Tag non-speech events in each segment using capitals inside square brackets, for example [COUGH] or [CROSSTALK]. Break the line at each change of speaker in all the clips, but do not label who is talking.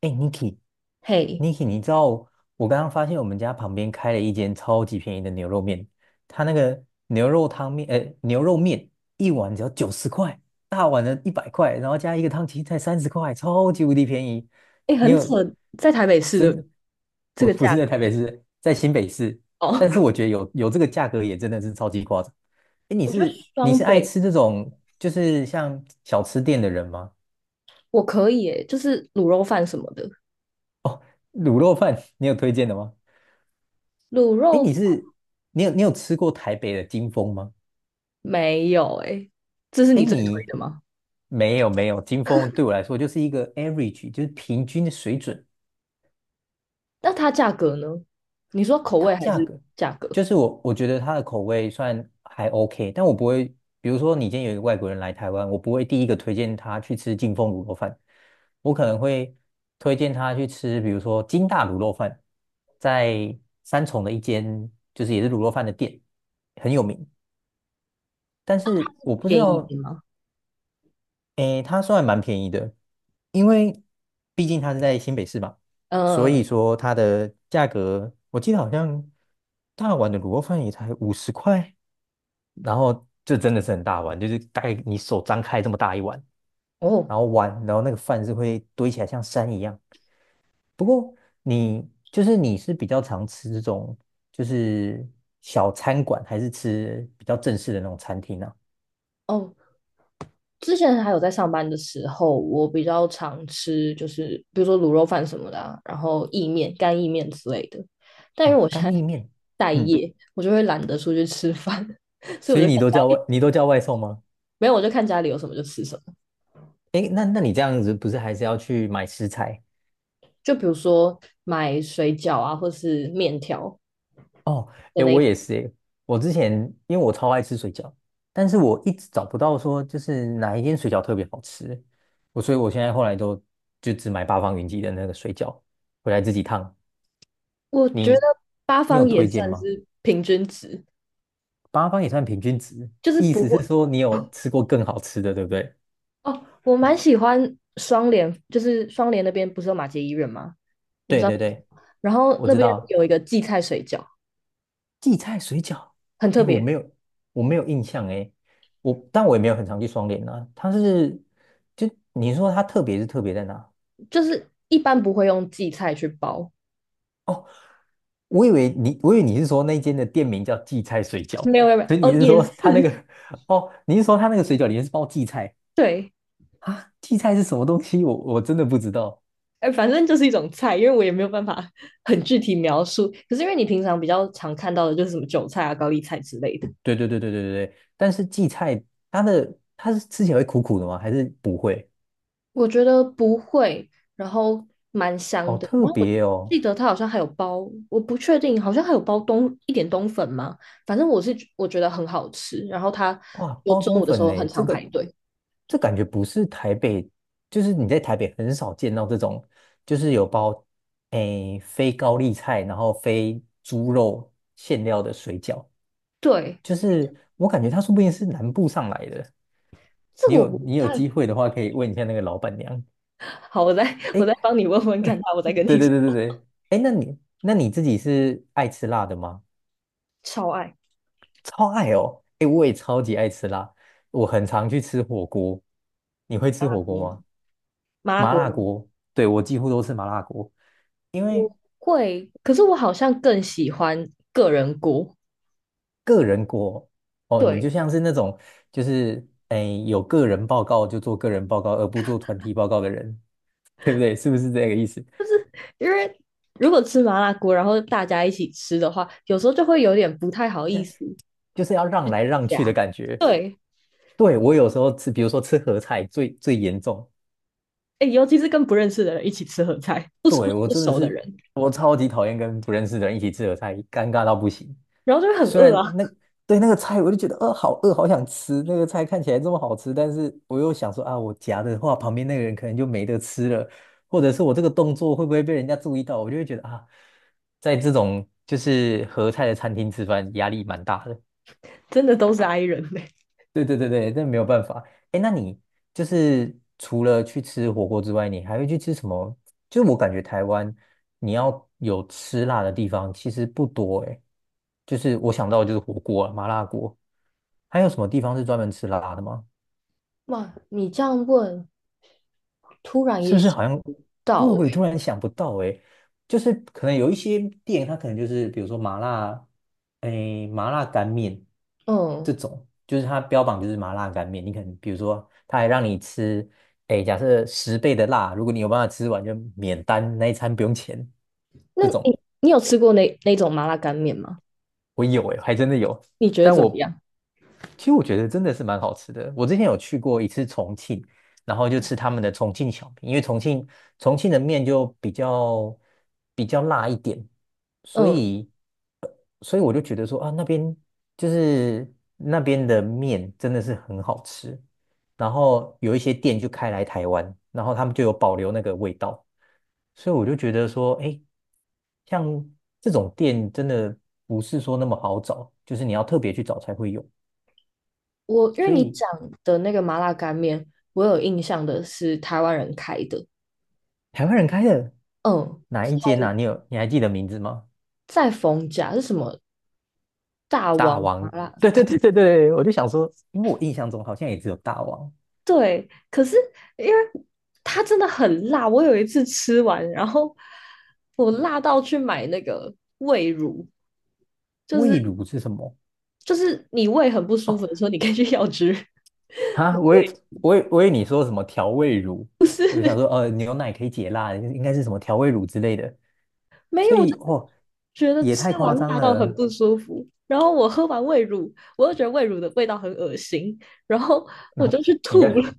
哎，Niki，Niki，
嘿，
你知道我刚刚发现我们家旁边开了一间超级便宜的牛肉面，它那个牛肉汤面，牛肉面一碗只要90块，大碗的100块，然后加一个汤青才30块，超级无敌便宜。
哎，
你
很扯，
有
在台北市的
真
这
不
个
不是
价
在台北
格
市，在新北市，
哦。
但是我觉
[LAUGHS]
得有这个价格也真的是超级夸张。哎，你
我觉得
是你
双
是爱
北
吃这种就是像小吃店的人吗？
我可以诶，就是卤肉饭什么的，
卤肉饭你有推荐的吗？
卤
哎，
肉饭
你有吃过台北的金丰吗？
没有诶，这是
哎，
你最推的吗？
没有没有，金丰对我来说就是一个 average，就是平均的水准。
那它价格呢？你说口味
它
还
价
是
格
价格
就是我觉得它的口味算还 OK，但我不会，比如说你今天有一个外国人来台湾，我不会第一个推荐他去吃金丰卤肉饭，我可能会推荐他去吃，比如说金大卤肉饭，在三重的一间就是也是卤肉饭的店，很有名。但是我不知
便宜一
道
点吗？
诶，它算蛮便宜的，因为毕竟它是在新北市嘛，所
嗯，
以说它的价格，我记得好像大碗的卤肉饭也才50块，然后这真的是很大碗，就是大概你手张开这么大一碗，
哦
然后那个饭是会堆起来像山一样。不过你是比较常吃这种就是小餐馆，还是吃比较正式的那种餐厅呢？
哦，之前还有在上班的时候，我比较常吃，就是比如说卤肉饭什么的啊、然后意面、干意面之类的。但因为
哦，
我现
干
在
意面，
待
嗯，
业，我就会懒得出去吃饭，所以
所
我就
以
看家
你都叫外送吗？
没有，我就看家里有什么就吃什么。
哎，那你这样子不是还是要去买食材
就比如说买水饺啊，或是面条
哦？
的
哎，
那一
我
种，
也是哎，我之前因为我超爱吃水饺，但是我一直找不到说就是哪一间水饺特别好吃，所以我现在后来都就只买八方云集的那个水饺回来自己烫。
我觉得
你
八
你有
方也
推荐
算
吗？
是平均值，
八方也算平均值，
就是
意
不
思是
会
说你有吃过更好吃的，对不对？
哦。我蛮喜欢双联，就是双联那边不是有马偕医院吗？我不
对
知道
对对，
然后
我
那
知
边
道
有一个荠菜水饺，
荠菜水饺，
很特
哎，
别，
我没有印象哎，但我也没有很常去双连啊。就你说它特别是特别在哪？
就是一般不会用荠菜去包，
哦，我以为你是说那间的店名叫荠菜水饺，
没有没有没有
所以你
哦，
是
也
说
是
它那个，哦，你是说它那个水饺里面是包荠菜
[LAUGHS] 对，
啊？荠菜是什么东西？我真的不知道。
哎，反正就是一种菜，因为我也没有办法很具体描述。可是因为你平常比较常看到的就是什么韭菜啊、高丽菜之类的，
对对对对对对对，但是荠菜它是吃起来会苦苦的吗？还是不会？
我觉得不会，然后蛮香
好
的。
特
然后我
别哦。
记得它好像还有包，我不确定，好像还有包冬一点冬粉吗？反正我是我觉得很好吃，然后它
哇，
就
包
中
冬
午的时
粉
候很
呢？
常排队。
这感觉不是台北，就是你在台北很少见到这种，就是有包非高丽菜，然后非猪肉馅料的水饺，
对，
就是我感觉它说不定是南部上来的。
这
你
个我
有
不
你有
太
机会的话，可以问一下那个老板娘。
好，我再
诶，
帮你问问看他，我再跟
[LAUGHS] 对对
你说。
对对
[LAUGHS]
对，诶，那你自己是爱吃辣的吗？
超爱
超爱哦，诶，我也超级爱吃辣，我很常去吃火锅。你会
麻
吃
辣
火锅
锅
吗？
吗？麻辣
麻
锅
辣
吗？
锅，对，我几乎都吃麻辣锅，因为
我会，可是我好像更喜欢个人锅。
个人锅哦，你就
对，
像是那种就是哎有个人报告就做个人报告，而不做团体报告的人，对不对？是不是这个意思？
因为如果吃麻辣锅，然后大家一起吃的话，有时候就会有点不太好意
那
思
就是要让来让去的
夹。
感觉。
对，
对，我有时候吃，比如说吃合菜最最严重，
哎，尤其是跟不认识的人一起吃合菜，不熟
对，我
不
真的
熟的
是
人，
我超级讨厌跟不认识的人一起吃合菜，尴尬到不行。
然后就会很
虽
饿
然
啊，
那对那个菜，我就觉得好饿，好想吃那个菜，看起来这么好吃，但是我又想说啊，我夹的话，旁边那个人可能就没得吃了，或者是我这个动作会不会被人家注意到，我就会觉得啊，在这种就是合菜的餐厅吃饭，压力蛮大的。
真的都是 i 人嘞、
对对对对，这没有办法。哎，那你就是除了去吃火锅之外，你还会去吃什么？就是我感觉台湾你要有吃辣的地方其实不多哎，就是我想到的就是火锅啊，麻辣锅，还有什么地方是专门吃辣的吗？
哇，你这样问，突然
是
也
不是
想
好像
不
对
到
我也
哎。
突然想不到诶，就是可能有一些店，它可能就是比如说麻辣，诶，麻辣干面这
嗯，
种，就是它标榜就是麻辣干面，你可能比如说他还让你吃，诶，假设10倍的辣，如果你有办法吃完就免单，那一餐不用钱
那
这种。
你有吃过那种麻辣干面吗？
我有诶，还真的有。
你觉得
但
怎么
我
样？
其实我觉得真的是蛮好吃的。我之前有去过一次重庆，然后就吃他们的重庆小面，因为重庆的面就比较辣一点，所
嗯，
以所以我就觉得说啊，就是那边的面真的是很好吃，然后有一些店就开来台湾，然后他们就有保留那个味道，所以我就觉得说，哎，像这种店真的不是说那么好找，就是你要特别去找才会有。
我因为
所
你
以
讲的那个麻辣干面，我有印象的是台湾人开的，
台湾人开的
嗯，
哪一间啊？你还记得名字吗？
在逢甲是什么大
大
王麻
王，
辣？
[LAUGHS] 对对对对对，我就想说，因为我印象中好像也只有大王，
对，可是因为它真的很辣，我有一次吃完，然后我辣到去买那个胃乳，就是
味卤是什么？
就是你胃很不舒
哦
服的时候，你可以去药局 [LAUGHS]
啊，
买
我以
胃
我以我以为你说什么调味乳，我想说牛奶可以解辣，应该是什么调味乳之类的，
没有，
所以哦
觉得
也太
吃完
夸张
辣到很
了。
不舒服。然后我喝完胃乳，我又觉得胃乳的味道很恶心，然后
[LAUGHS]
我
那
就去
你
吐
看，
了，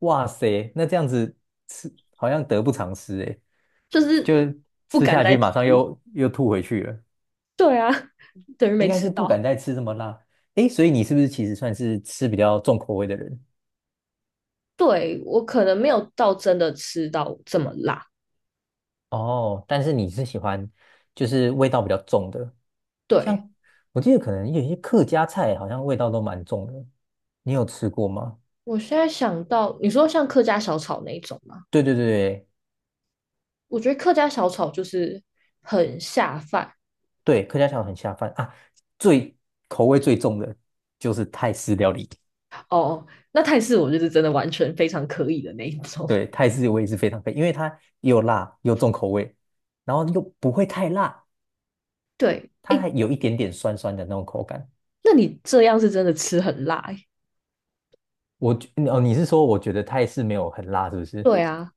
哇塞，那这样子吃好像得不偿失诶，
就
就
是
是
不
吃
敢
下
再
去
吃。
马上又吐回去了，
对啊，等于
应
没
该
吃
是不敢
到。
再吃这么辣。诶，所以你是不是其实算是吃比较重口味的人？
对，我可能没有到真的吃到这么辣。
哦，但是你是喜欢就是味道比较重的，
对，
像我记得可能有一些客家菜好像味道都蛮重的，你有吃过吗？
我现在想到，你说像客家小炒那一种吗？
对对对
我觉得客家小炒就是很下饭
对，客家菜很下饭啊，最口味最重的就是泰式料理。
哦。那泰式我就是真的完全非常可以的那一种。
对，泰式我也是非常配，因为它又辣又重口味，然后又不会太辣，
对，
它
诶，
还有一点点酸酸的那种口感。
那你这样是真的吃很辣欸
哦，你是说我觉得泰式没有很辣，是不是？
对啊，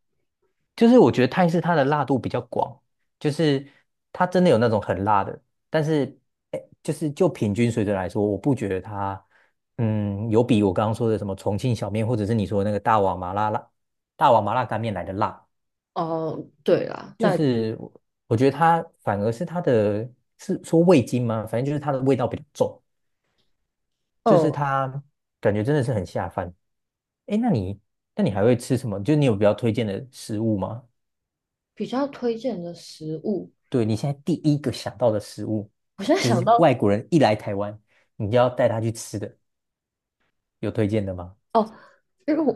就是我觉得泰式它的辣度比较广，就是它真的有那种很辣的，但是哎，就是就平均水准来说，我不觉得它有比我刚刚说的什么重庆小面，或者是你说的那个大碗麻辣干面来的辣，
哦，对啦，
就
那
是我觉得它反而是是说味精吗？反正就是它的味道比较重，就是
嗯，
它感觉真的是很下饭。哎，那你还会吃什么？就是你有比较推荐的食物吗？
比较推荐的食物，
对，你现在第一个想到的食物，
我现在
就
想
是
到
外国人一来台湾，你就要带他去吃的，有推荐的吗？
哦，因为我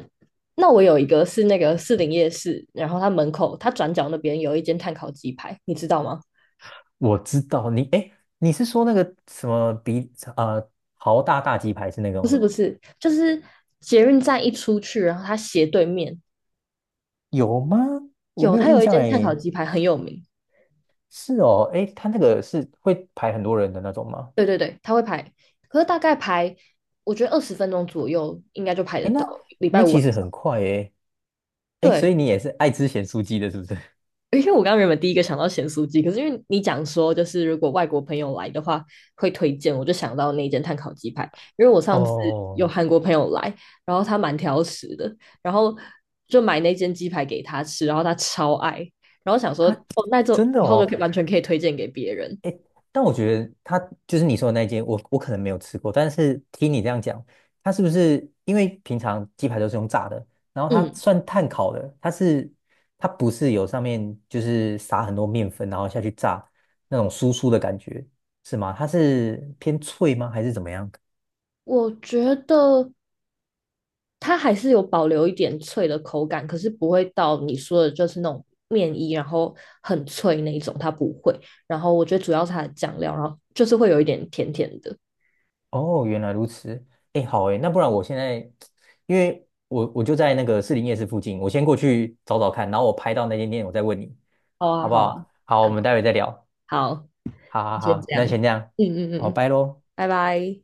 那我有一个是那个士林夜市，然后它门口它转角那边有一间炭烤鸡排，你知道吗？
我知道你，哎，你是说那个什么啊豪大大鸡排是那个吗？
就是捷运站一出去，然后它斜对面
有吗？我
有
没有
它
印
有一
象
间炭烤
哎。
鸡排很有名，
是哦，哎，他那个是会排很多人的那种吗？
对对对，它会排，可是大概排我觉得20分钟左右应该就排得
哎，
到，
那
礼拜
那
五
其
晚
实很
上。
快哎，哎，所
对，
以你也是爱吃咸酥鸡的，是不是？
因为我刚刚原本第一个想到咸酥鸡，可是因为你讲说就是如果外国朋友来的话会推荐，我就想到那间碳烤鸡排。因为我
[LAUGHS]
上次有
哦，
韩国朋友来，然后他蛮挑食的，然后就买那间鸡排给他吃，然后他超爱，然后想说
他
哦，那就
真的
以后就
哦，
可以完全可以推荐给别人。
但我觉得它就是你说的那间，我可能没有吃过，但是听你这样讲，它是不是因为平常鸡排都是用炸的，然后它
嗯，
算碳烤的，它不是有上面就是撒很多面粉，然后下去炸那种酥酥的感觉，是吗？它是偏脆吗？还是怎么样？
我觉得它还是有保留一点脆的口感，可是不会到你说的就是那种面衣，然后很脆那一种，它不会。然后我觉得主要是它的酱料，然后就是会有一点甜甜的。
哦，原来如此。哎，好哎，那不然我现在，因为我就在那个士林夜市附近，我先过去找找看，然后我拍到那间店，我再问你，
好啊，
好不
好啊，
好？好，我们待会再聊。
好，好
好好
先
好，
这样，
那
嗯
先这样，
嗯嗯
哦，
嗯，
拜喽。
拜拜。